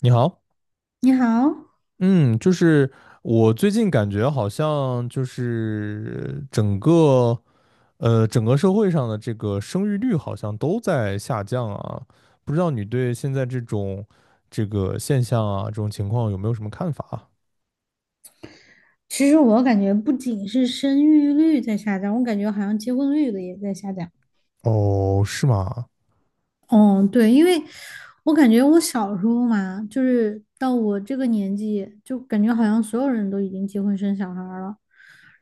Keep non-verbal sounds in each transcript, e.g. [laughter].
你好，你好。嗯，就是我最近感觉好像就是整个社会上的这个生育率好像都在下降啊，不知道你对现在这个现象啊这种情况有没有什么看法啊？其实我感觉不仅是生育率在下降，我感觉好像结婚率的也在下降。哦，是吗？哦，对，因为我感觉我小时候嘛，就是到我这个年纪，就感觉好像所有人都已经结婚生小孩儿了，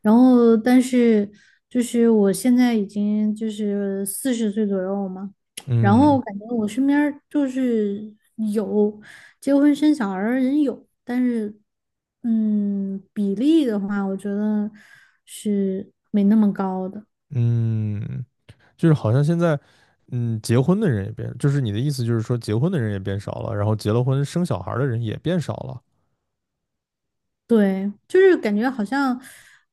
然后但是我现在已经就是40岁左右嘛，然嗯后感觉我身边儿就是有结婚生小孩儿的人有，但是比例的话，我觉得是没那么高的。嗯，就是好像现在结婚的人也变，就是你的意思就是说结婚的人也变少了，然后结了婚生小孩儿的人也变少了，对，就是感觉好像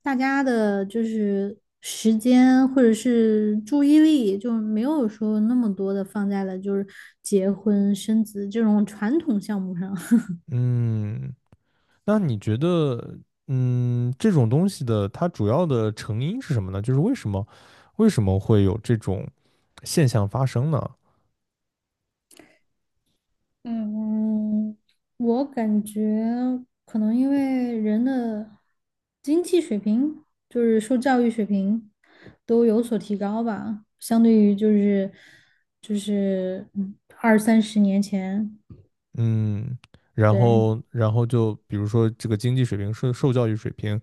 大家的就是时间或者是注意力，就没有说那么多的放在了就是结婚生子这种传统项目上。[laughs] 嗯。那你觉得，嗯，这种东西的它主要的成因是什么呢？就是为什么会有这种现象发生呢？嗯，我感觉可能因为人的经济水平，就是受教育水平都有所提高吧，相对于就是二三十年前。嗯，然对。后然后就比如说这个经济水平、受教育水平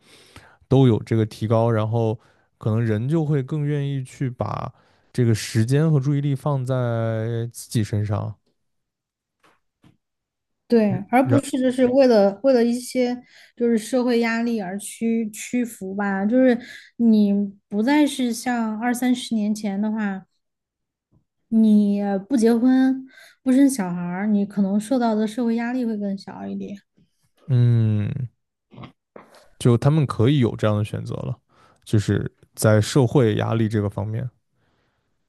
都有这个提高，然后可能人就会更愿意去把这个时间和注意力放在自己身上，对，而不然是就是为了一些就是社会压力而屈服吧，就是你不再是像二三十年前的话，你不结婚不生小孩儿，你可能受到的社会压力会更小一点。嗯，就他们可以有这样的选择了，就是在社会压力这个方面。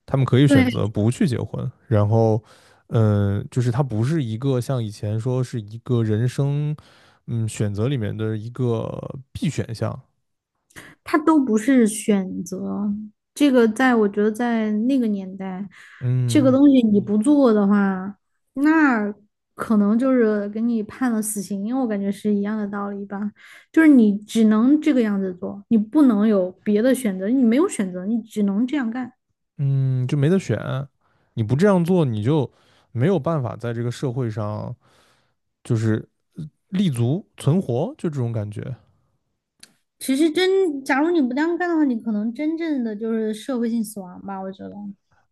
他们可以选对，择不去结婚，然后，嗯，就是它不是一个像以前说是一个人生，嗯，选择里面的一个必选项，它都不是选择。这个在我觉得在那个年代，这个嗯东西你不做的话，那可能就是给你判了死刑，因为我感觉是一样的道理吧。就是你只能这个样子做，你不能有别的选择，你没有选择，你只能这样干。嗯，就没得选，你不这样做，你就没有办法在这个社会上就是立足存活，就这种感觉，其实真，假如你不这样干的话，你可能真正的就是社会性死亡吧，我觉得。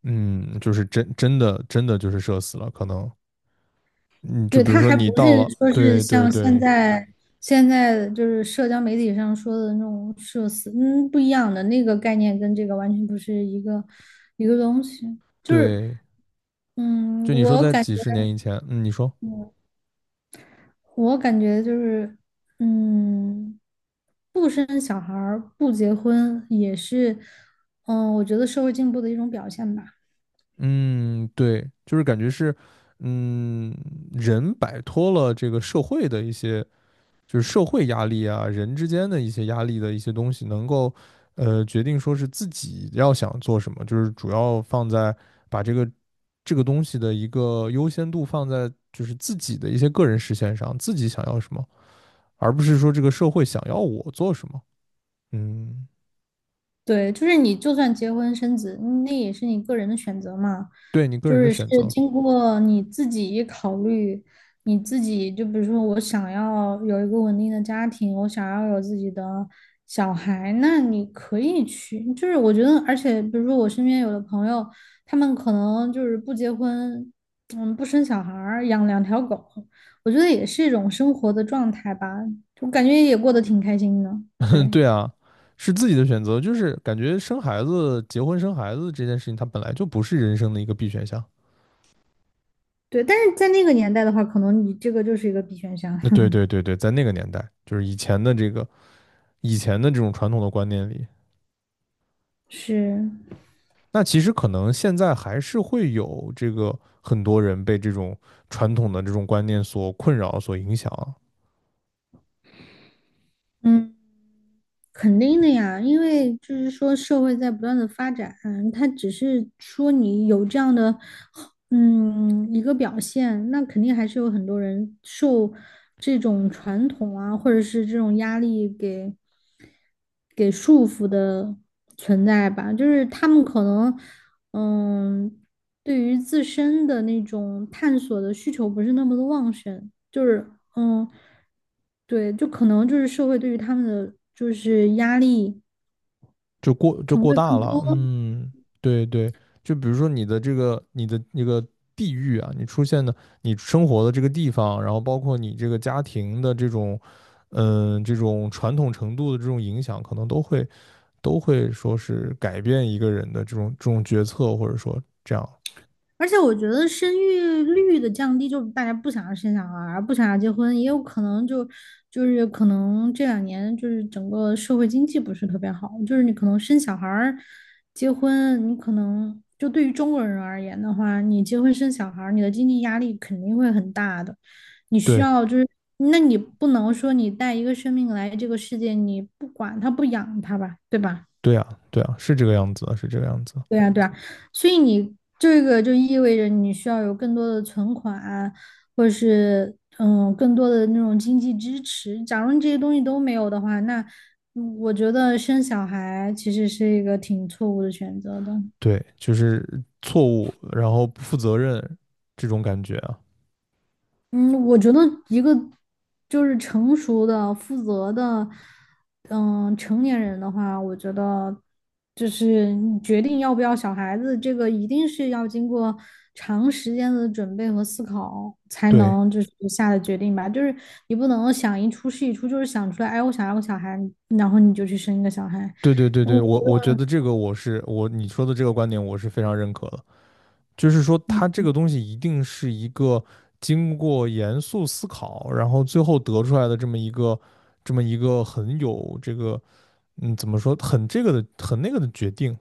嗯，就是真的就是社死了，可能，嗯，就对，比如他说还不你到是了，说是对对像现对在现在就是社交媒体上说的那种社死，嗯，不一样的那个概念跟这个完全不是一个东西。就是，对，嗯，就你说我在感觉几十年以前，嗯，你说。我感觉就是，嗯，不生小孩儿不结婚也是，嗯，我觉得社会进步的一种表现吧。嗯，对，就是感觉是，嗯，人摆脱了这个社会的一些，就是社会压力啊，人之间的一些压力的一些东西，能够，决定说是自己要想做什么，就是主要放在把这个东西的一个优先度放在就是自己的一些个人实现上，自己想要什么，而不是说这个社会想要我做什么。嗯，对，就是你就算结婚生子，嗯那也是你个人的选择嘛，对你个就人的是是选择。经过你自己考虑，你自己就比如说我想要有一个稳定的家庭，我想要有自己的小孩，那你可以去，就是我觉得，而且比如说我身边有的朋友，他们可能就是不结婚，嗯，不生小孩儿，养两条狗，我觉得也是一种生活的状态吧，我感觉也过得挺开心的。对。对啊，是自己的选择，就是感觉生孩子、结婚生孩子这件事情，它本来就不是人生的一个必选项。对，但是在那个年代的话，可能你这个就是一个必选项。那对 [laughs] 对对对，在那个年代，就是以前的这种传统的观念里，是，那其实可能现在还是会有这个很多人被这种传统的这种观念所困扰、所影响，嗯，肯定的呀，因为就是说社会在不断的发展，它只是说你有这样的嗯，一个表现，那肯定还是有很多人受这种传统啊，或者是这种压力给束缚的存在吧。就是他们可能，嗯，对于自身的那种探索的需求不是那么的旺盛。就是嗯，对，就可能就是社会对于他们的就是压力就过就可能过会大更了，多。嗯，对对，就比如说你的那个地域啊，你出现的你生活的这个地方，然后包括你这个家庭的这种，嗯，这种传统程度的这种影响，可能都会说是改变一个人的这种决策，或者说这样，而且我觉得生育率的降低，就大家不想要生小孩儿，不想要结婚，也有可能就是可能这两年就是整个社会经济不是特别好，就是你可能生小孩儿、结婚，你可能就对于中国人而言的话，你结婚生小孩儿，你的经济压力肯定会很大的，你需对要就是，那你不能说你带一个生命来这个世界，你不管他不养他吧，对吧？对啊对啊，是这个样子的，是这个样子的对呀，对呀，所以你这个就意味着你需要有更多的存款啊，或者是嗯更多的那种经济支持。假如你这些东西都没有的话，那嗯我觉得生小孩其实是一个挺错误的选择的。对，就是错误，然后不负责任这种感觉啊，嗯，我觉得一个就是成熟的、负责的，嗯，成年人的话，我觉得就是你决定要不要小孩子，这个一定是要经过长时间的准备和思考才对能就是下的决定吧。就是你不能想一出是一出，就是想出来，哎，我想要个小孩，然后你就去生一个小孩。对对对但我对，觉我觉得。得这个我你说的这个观点我是非常认可的，就是说它这个东西一定是一个经过严肃思考，然后最后得出来的这么一个很有这个怎么说很这个的很那个的决定，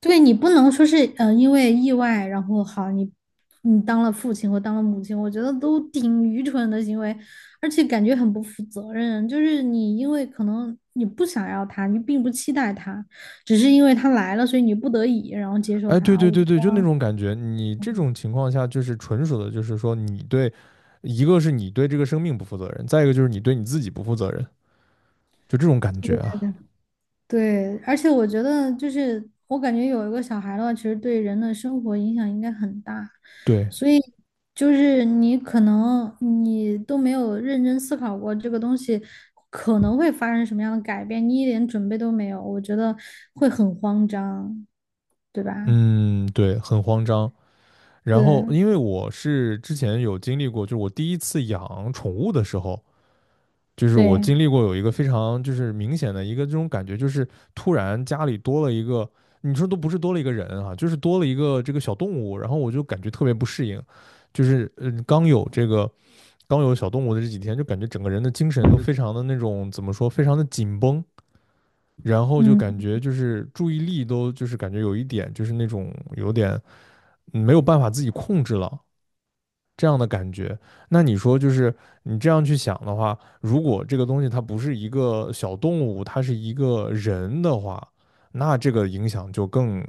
对你不能说是因为意外，然后好你当了父亲或当了母亲，我觉得都挺愚蠢的行为，而且感觉很不负责任。就是你因为可能你不想要他，你并不期待他，只是因为他来了，所以你不得已然后接受哎对他。对我对觉对，就那得，种感觉，你这种情况下就是纯属的就是说你对一个是你对这个生命不负责任，再一个就是你对你自己不负责任，就这种感觉啊，对，而且我觉得就是，我感觉有一个小孩的话，其实对人的生活影响应该很大，对，所以就是你可能你都没有认真思考过这个东西可能会发生什么样的改变，你一点准备都没有，我觉得会很慌张，对吧？嗯对，很慌张。然后，对因为我是之前有经历过，就是我第一次养宠物的时候，就是我对，经历过有一个非常就是明显的一个这种感觉，就是突然家里多了一个，你说都不是多了一个人啊，就是多了一个这个小动物，然后我就感觉特别不适应，就是刚有小动物的这几天，就感觉整个人的精神都非常的那种怎么说，非常的紧绷，然后就感嗯，觉就是注意力都就是感觉有一点就是那种有点没有办法自己控制了。这样的感觉。那你说，就是你这样去想的话，如果这个东西它不是一个小动物，它是一个人的话，那这个影响就更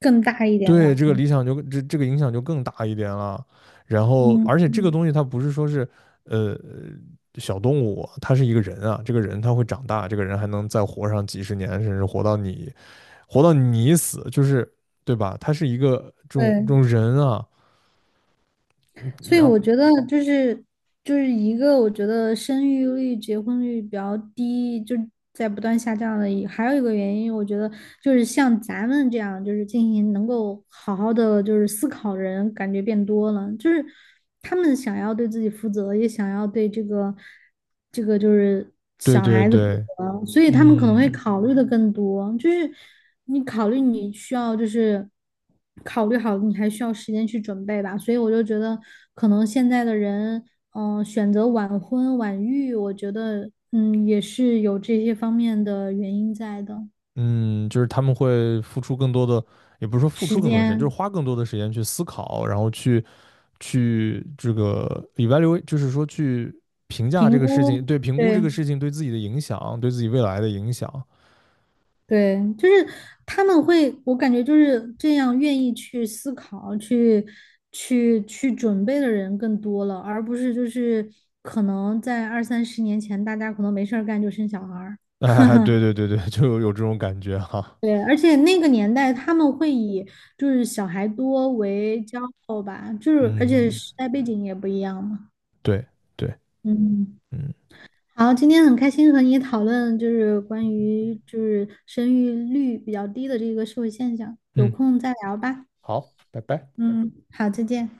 更大一点对吧，这个理想就这个影响就更大一点了。然后，嗯而且这个嗯，东西它不是说是呃小动物，它是一个人啊，这个人他会长大，这个人还能再活上几十年，甚至活到你死，就是对吧？他是一个这种对。人啊，嗯所以然我后觉得就是就是一个我觉得生育率、结婚率比较低，就在不断下降的一，还有一个原因，我觉得就是像咱们这样就是进行能够好好的就是思考的人，感觉变多了，就是他们想要对自己负责，也想要对这个这个就是对对对，所以他们可能会嗯考虑的更多，就是你考虑你需要就是考虑好，你还需要时间去准备吧。所以我就觉得，可能现在的人，嗯、选择晚婚晚育，我觉得，嗯，也是有这些方面的原因在的，嗯，就是他们会付出更多的，也不是说付时出更多的时间，就间是花更多的时间去思考，然后去这个 evaluate,就是说去评价这评个事情，估，对，评估这对。个事情对自己的影响，对自己未来的影响。对，就是他们会，我感觉就是这样，愿意去思考、去准备的人更多了，而不是就是可能在二三十年前，大家可能没事儿干就生小孩儿。[laughs] 哎，对对对对，就有这种感觉哈。对，而且那个年代他们会以就是小孩多为骄傲吧，就是而且嗯，时代背景也不一样嘛。对对，嗯，嗯好，今天很开心和你讨论就是关于就是生育率比较低的这个社会现象，有嗯，空再聊吧。好，拜拜。嗯，好，再见。